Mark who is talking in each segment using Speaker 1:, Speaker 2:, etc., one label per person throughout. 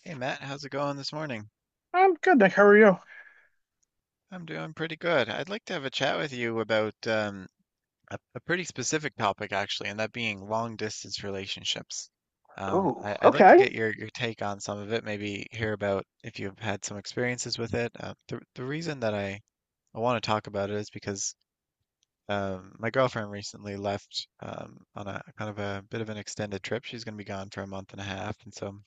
Speaker 1: Hey Matt, how's it going this morning?
Speaker 2: I'm good, Nick. How are you?
Speaker 1: I'm doing pretty good. I'd like to have a chat with you about a pretty specific topic actually, and that being long distance relationships. Um,
Speaker 2: Oh,
Speaker 1: I, I'd like to
Speaker 2: okay.
Speaker 1: get your take on some of it, maybe hear about if you've had some experiences with it. The reason that I want to talk about it is because my girlfriend recently left on a kind of a bit of an extended trip. She's going to be gone for a month and a half, and so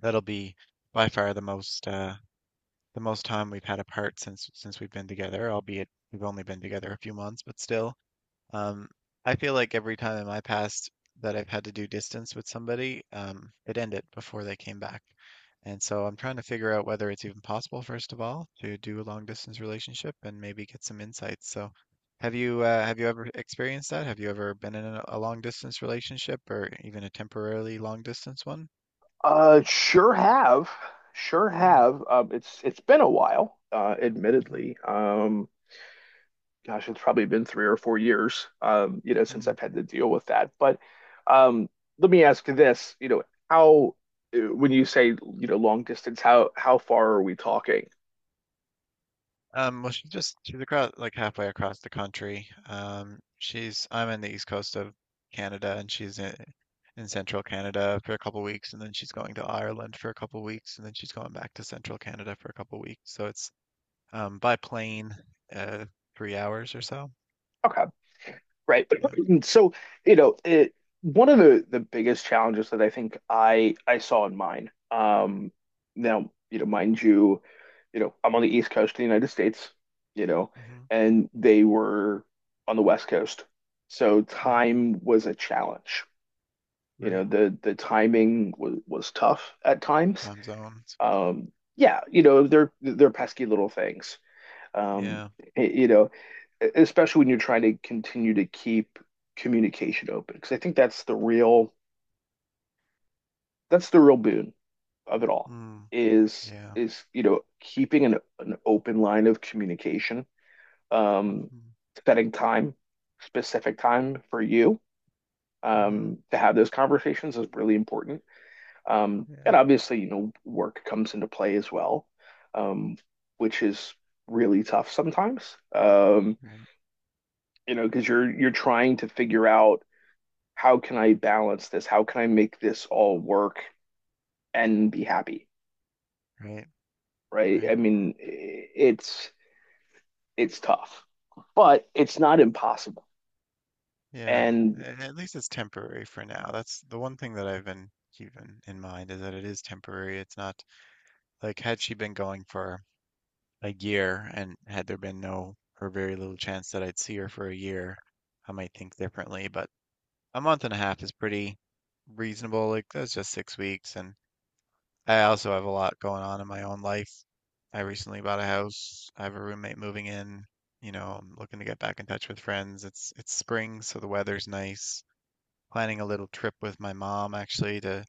Speaker 1: that'll be by far the most time we've had apart since we've been together, albeit we've only been together a few months, but still. Um, I feel like every time in my past that I've had to do distance with somebody, it ended before they came back. And so I'm trying to figure out whether it's even possible, first of all, to do a long distance relationship and maybe get some insights. So have you ever experienced that? Have you ever been in a long distance relationship or even a temporarily long distance one?
Speaker 2: Sure have, sure
Speaker 1: Hmm.
Speaker 2: have. It's been a while,
Speaker 1: Hmm,
Speaker 2: admittedly. Gosh, it's probably been 3 or 4 years, you know, since
Speaker 1: hmm.
Speaker 2: I've had to deal with that. But um, let me ask you this, you know, how, when you say, you know, long distance, how far are we talking?
Speaker 1: Well, she's across like halfway across the country. She's I'm in the east coast of Canada, and she's in central Canada for a couple weeks, and then she's going to Ireland for a couple weeks, and then she's going back to central Canada for a couple weeks. So it's by plane, uh, 3 hours or so.
Speaker 2: Okay. Right.
Speaker 1: Yeah.
Speaker 2: So, you know, it, one of the biggest challenges that I think I saw in mine, now, you know, mind you, you know, I'm on the East Coast of the United States, you know,
Speaker 1: Hmm,
Speaker 2: and they were on the West Coast. So
Speaker 1: hmm.
Speaker 2: time was a challenge. You know,
Speaker 1: Right.
Speaker 2: the timing was tough at times.
Speaker 1: Time zones.
Speaker 2: Yeah, you know, they're pesky little things. Um,
Speaker 1: Yeah.
Speaker 2: you know, especially when you're trying to continue to keep communication open, because I think that's the real boon of it all
Speaker 1: Mm, yeah.
Speaker 2: is you know keeping an open line of communication, um,
Speaker 1: Hmm,
Speaker 2: setting time, specific time for you
Speaker 1: hmm.
Speaker 2: to have those conversations is really important.
Speaker 1: Yeah.
Speaker 2: And obviously, you know, work comes into play as well, um, which is really tough sometimes.
Speaker 1: Right.
Speaker 2: You know, because you're trying to figure out how can I balance this? How can I make this all work and be happy,
Speaker 1: Right.
Speaker 2: right? I
Speaker 1: Right.
Speaker 2: mean, it's tough, but it's not impossible.
Speaker 1: Yeah,
Speaker 2: And
Speaker 1: at least it's temporary for now. That's the one thing that I've been keeping in mind is that it is temporary. It's not like had she been going for a year and had there been no or very little chance that I'd see her for a year, I might think differently. But a month and a half is pretty reasonable. Like that's just 6 weeks, and I also have a lot going on in my own life. I recently bought a house. I have a roommate moving in. You know, I'm looking to get back in touch with friends. It's spring, so the weather's nice planning a little trip with my mom actually to,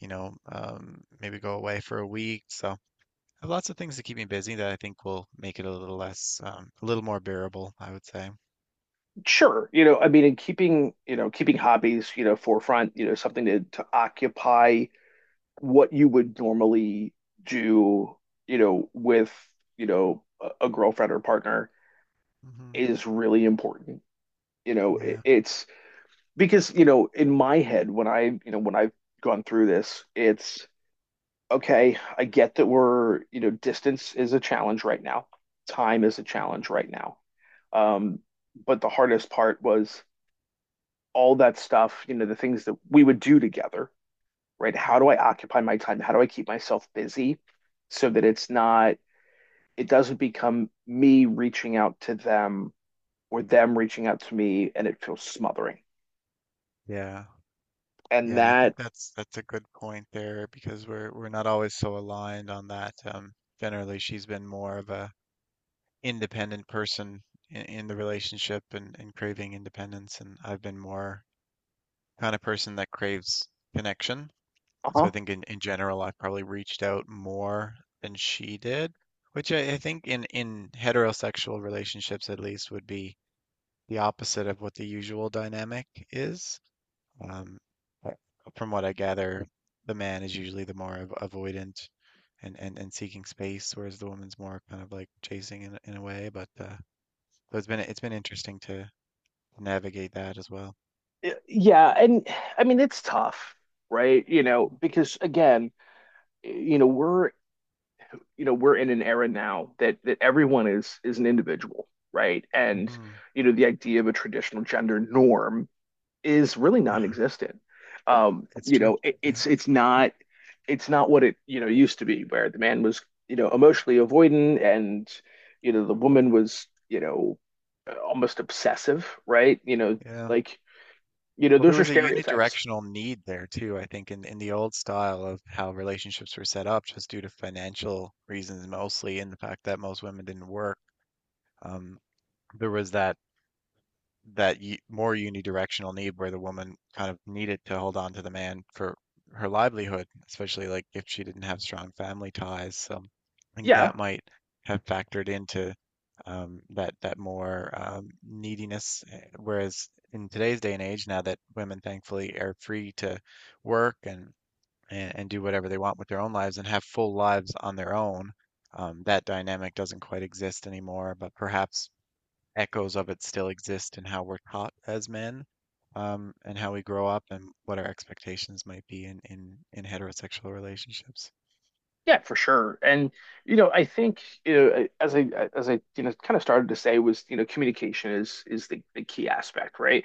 Speaker 1: maybe go away for a week. So I have lots of things to keep me busy that I think will make it a little more bearable, I would say.
Speaker 2: sure, you know, I mean, in keeping, you know, keeping hobbies, you know, forefront, you know, something to occupy what you would normally do, you know, with, you know, a girlfriend or partner
Speaker 1: Hmm.
Speaker 2: is really important. You know, it,
Speaker 1: Yeah.
Speaker 2: it's because you know in my head when I you know when I've gone through this it's okay I get that we're you know distance is a challenge right now, time is a challenge right now, um but the hardest part was all that stuff, you know, the things that we would do together, right? How
Speaker 1: Hmm.
Speaker 2: do I occupy my time? How do I keep myself busy so that it's not, it doesn't become me reaching out to them or them reaching out to me and it feels smothering.
Speaker 1: Yeah.
Speaker 2: And
Speaker 1: Yeah, and I
Speaker 2: that
Speaker 1: think that's a good point there because we're not always so aligned on that. Generally, she's been more of a independent person in the relationship and, craving independence, and I've been more kind of person that craves connection.
Speaker 2: uh
Speaker 1: So
Speaker 2: huh.
Speaker 1: I think in general, I probably reached out more than she did, which I think in heterosexual relationships at least would be the opposite of what the usual dynamic is. Um, I- from what I gather, the man is usually the more avoidant and seeking space, whereas the woman's more kind of like chasing in a way. But so it's been interesting to navigate that as well.
Speaker 2: Yeah, and I mean it's tough, right? You know, because again, you know, we're you know, we're in an era now that that everyone is an individual, right? And
Speaker 1: Hmm.
Speaker 2: you know, the idea of a traditional gender norm is really non-existent.
Speaker 1: It's
Speaker 2: You
Speaker 1: true.
Speaker 2: know,
Speaker 1: Yeah.
Speaker 2: it's not what it, you know, used to be where the man was, you know, emotionally avoidant and you know, the woman was, you know, almost obsessive, right? You know,
Speaker 1: Yeah.
Speaker 2: like, you know,
Speaker 1: Well, there
Speaker 2: those are
Speaker 1: was a
Speaker 2: stereotypes.
Speaker 1: unidirectional need there too, I think, in the old style of how relationships were set up, just due to financial reasons mostly, and the fact that most women didn't work. Um, there was that that y more unidirectional need where the woman kind of needed to hold on to the man for her livelihood, especially like if she didn't have strong family ties. So I think
Speaker 2: Yeah,
Speaker 1: that might have factored into that more neediness. Whereas in today's day and age, now that women thankfully are free to work and do whatever they want with their own lives and have full lives on their own, that dynamic doesn't quite exist anymore. But perhaps echoes of it still exist in how we're taught as men, and how we grow up and what our expectations might be in heterosexual relationships.
Speaker 2: yeah, for sure. And you know, I think you know, as I you know kind of started to say was you know communication is the key aspect, right?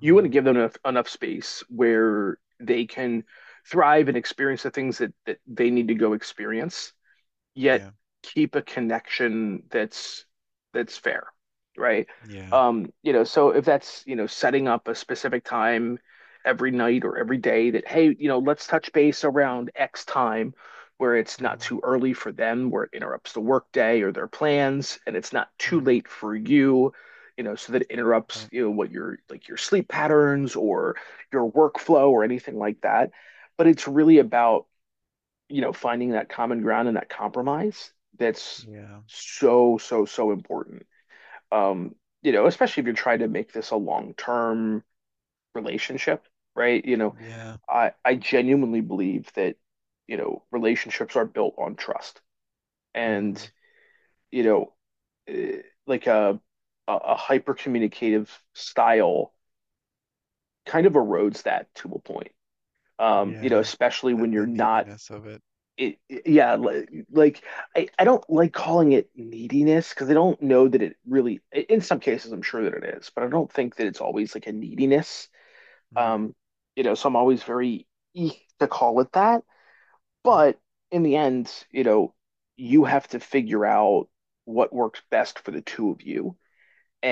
Speaker 2: You want to give them enough space where they can thrive and experience the things that they need to go experience, yet
Speaker 1: Yeah,
Speaker 2: keep a connection that's fair, right?
Speaker 1: yeah.
Speaker 2: You know, so if that's, you know, setting up a specific time every night or every day that, hey, you know, let's touch base around X time where it's not
Speaker 1: Hmm,
Speaker 2: too early for them, where it interrupts the workday or their plans, and it's not too
Speaker 1: hmm.
Speaker 2: late for you, you know, so that it interrupts,
Speaker 1: Right.
Speaker 2: you know, what your like your sleep patterns or your workflow or anything like that. But it's really about you know, finding that common ground and that compromise that's
Speaker 1: Yeah,
Speaker 2: so important. Um, you know, especially if you're trying to make this a long-term relationship, right? You know,
Speaker 1: yeah.
Speaker 2: I genuinely believe that, you know, relationships are built on trust. And,
Speaker 1: Hmm.
Speaker 2: you know, like a a hyper communicative style kind of erodes that to a point. You know,
Speaker 1: Yeah,
Speaker 2: especially
Speaker 1: the
Speaker 2: when you're not
Speaker 1: neediness of it.
Speaker 2: yeah, like I don't like calling it neediness because I don't know that it really, in some cases, I'm sure that it is, but I don't think that it's always like a neediness.
Speaker 1: Mm.
Speaker 2: Um, you know, so I'm always very eek to call it that.
Speaker 1: Hmm.
Speaker 2: But in the end, you know, you have to figure out what works best for the two of you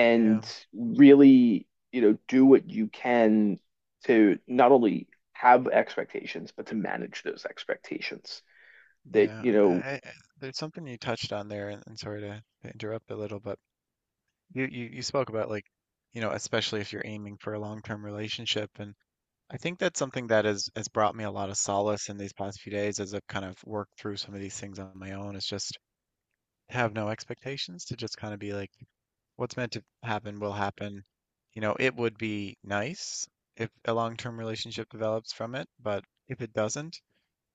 Speaker 1: Yeah,
Speaker 2: really, you know, do what you can to not only have expectations, but to manage those expectations that
Speaker 1: yeah.
Speaker 2: you know.
Speaker 1: There's something you touched on there, and sorry to interrupt a little, but you spoke about like, you know, especially if you're aiming for a long-term relationship, and I think that's something that has brought me a lot of solace in these past few days as I've kind of worked through some of these things on my own. It's just have no expectations to just kind of be like, what's meant to happen will happen. You know, it would be nice if a long-term relationship develops from it, but if it doesn't,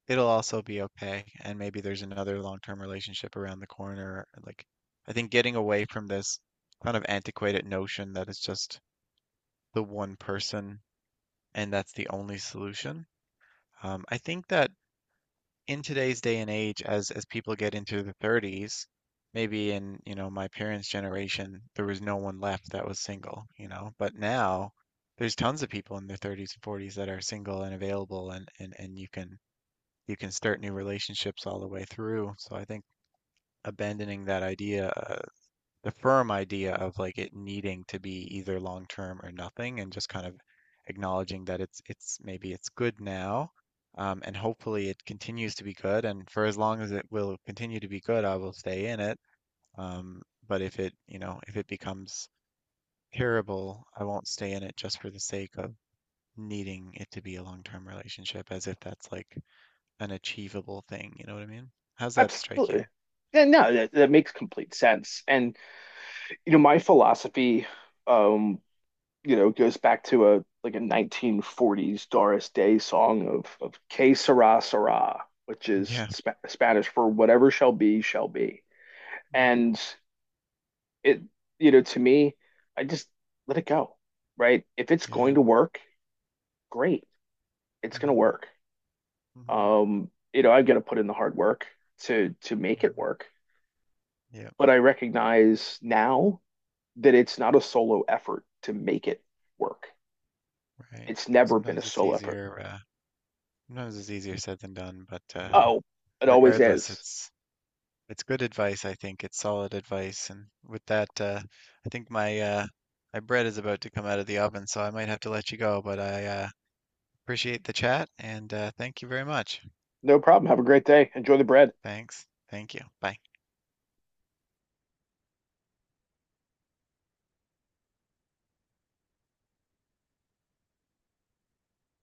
Speaker 1: it'll also be okay. And maybe there's another long-term relationship around the corner. Like, I think getting away from this kind of antiquated notion that it's just the one person and that's the only solution. I think that in today's day and age, as people get into their 30s, maybe in, you know, my parents' generation, there was no one left that was single, you know, but now there's tons of people in their 30s and 40s that are single and available and you can start new relationships all the way through. So I think abandoning that idea the firm idea of like it needing to be either long term or nothing and just kind of acknowledging that it's maybe it's good now, and hopefully it continues to be good and for as long as it will continue to be good I will stay in it, um, but if it becomes terrible I won't stay in it just for the sake of needing it to be a long term relationship as if that's like an achievable thing. You know what I mean? How's that strike you?
Speaker 2: Absolutely. Yeah, no, that, that makes complete sense. And you know, my philosophy, um, you know, goes back to a like a 1940s Doris Day song of Que sera sera, which is
Speaker 1: Yeah.
Speaker 2: sp Spanish for whatever shall be, shall be.
Speaker 1: Hmm.
Speaker 2: And it, you know, to me, I just let it go, right? If it's going
Speaker 1: Yeah.
Speaker 2: to work, great, it's going to
Speaker 1: Hmm,
Speaker 2: work.
Speaker 1: hmm,
Speaker 2: You know, I've got to put in the hard work to make it
Speaker 1: hmm.
Speaker 2: work,
Speaker 1: Yeah.
Speaker 2: but I recognize now that it's not a solo effort to make it work.
Speaker 1: Right.
Speaker 2: It's never been a
Speaker 1: Sometimes it's
Speaker 2: solo effort.
Speaker 1: easier, uh, Sometimes it's easier said than done, but
Speaker 2: Oh, it always
Speaker 1: regardless,
Speaker 2: is.
Speaker 1: it's good advice, I think. It's solid advice. And with that, I think my bread is about to come out of the oven, so I might have to let you go, but I appreciate the chat and thank you very much.
Speaker 2: No problem. Have a great day. Enjoy the bread.
Speaker 1: Thanks. Thank you. Bye.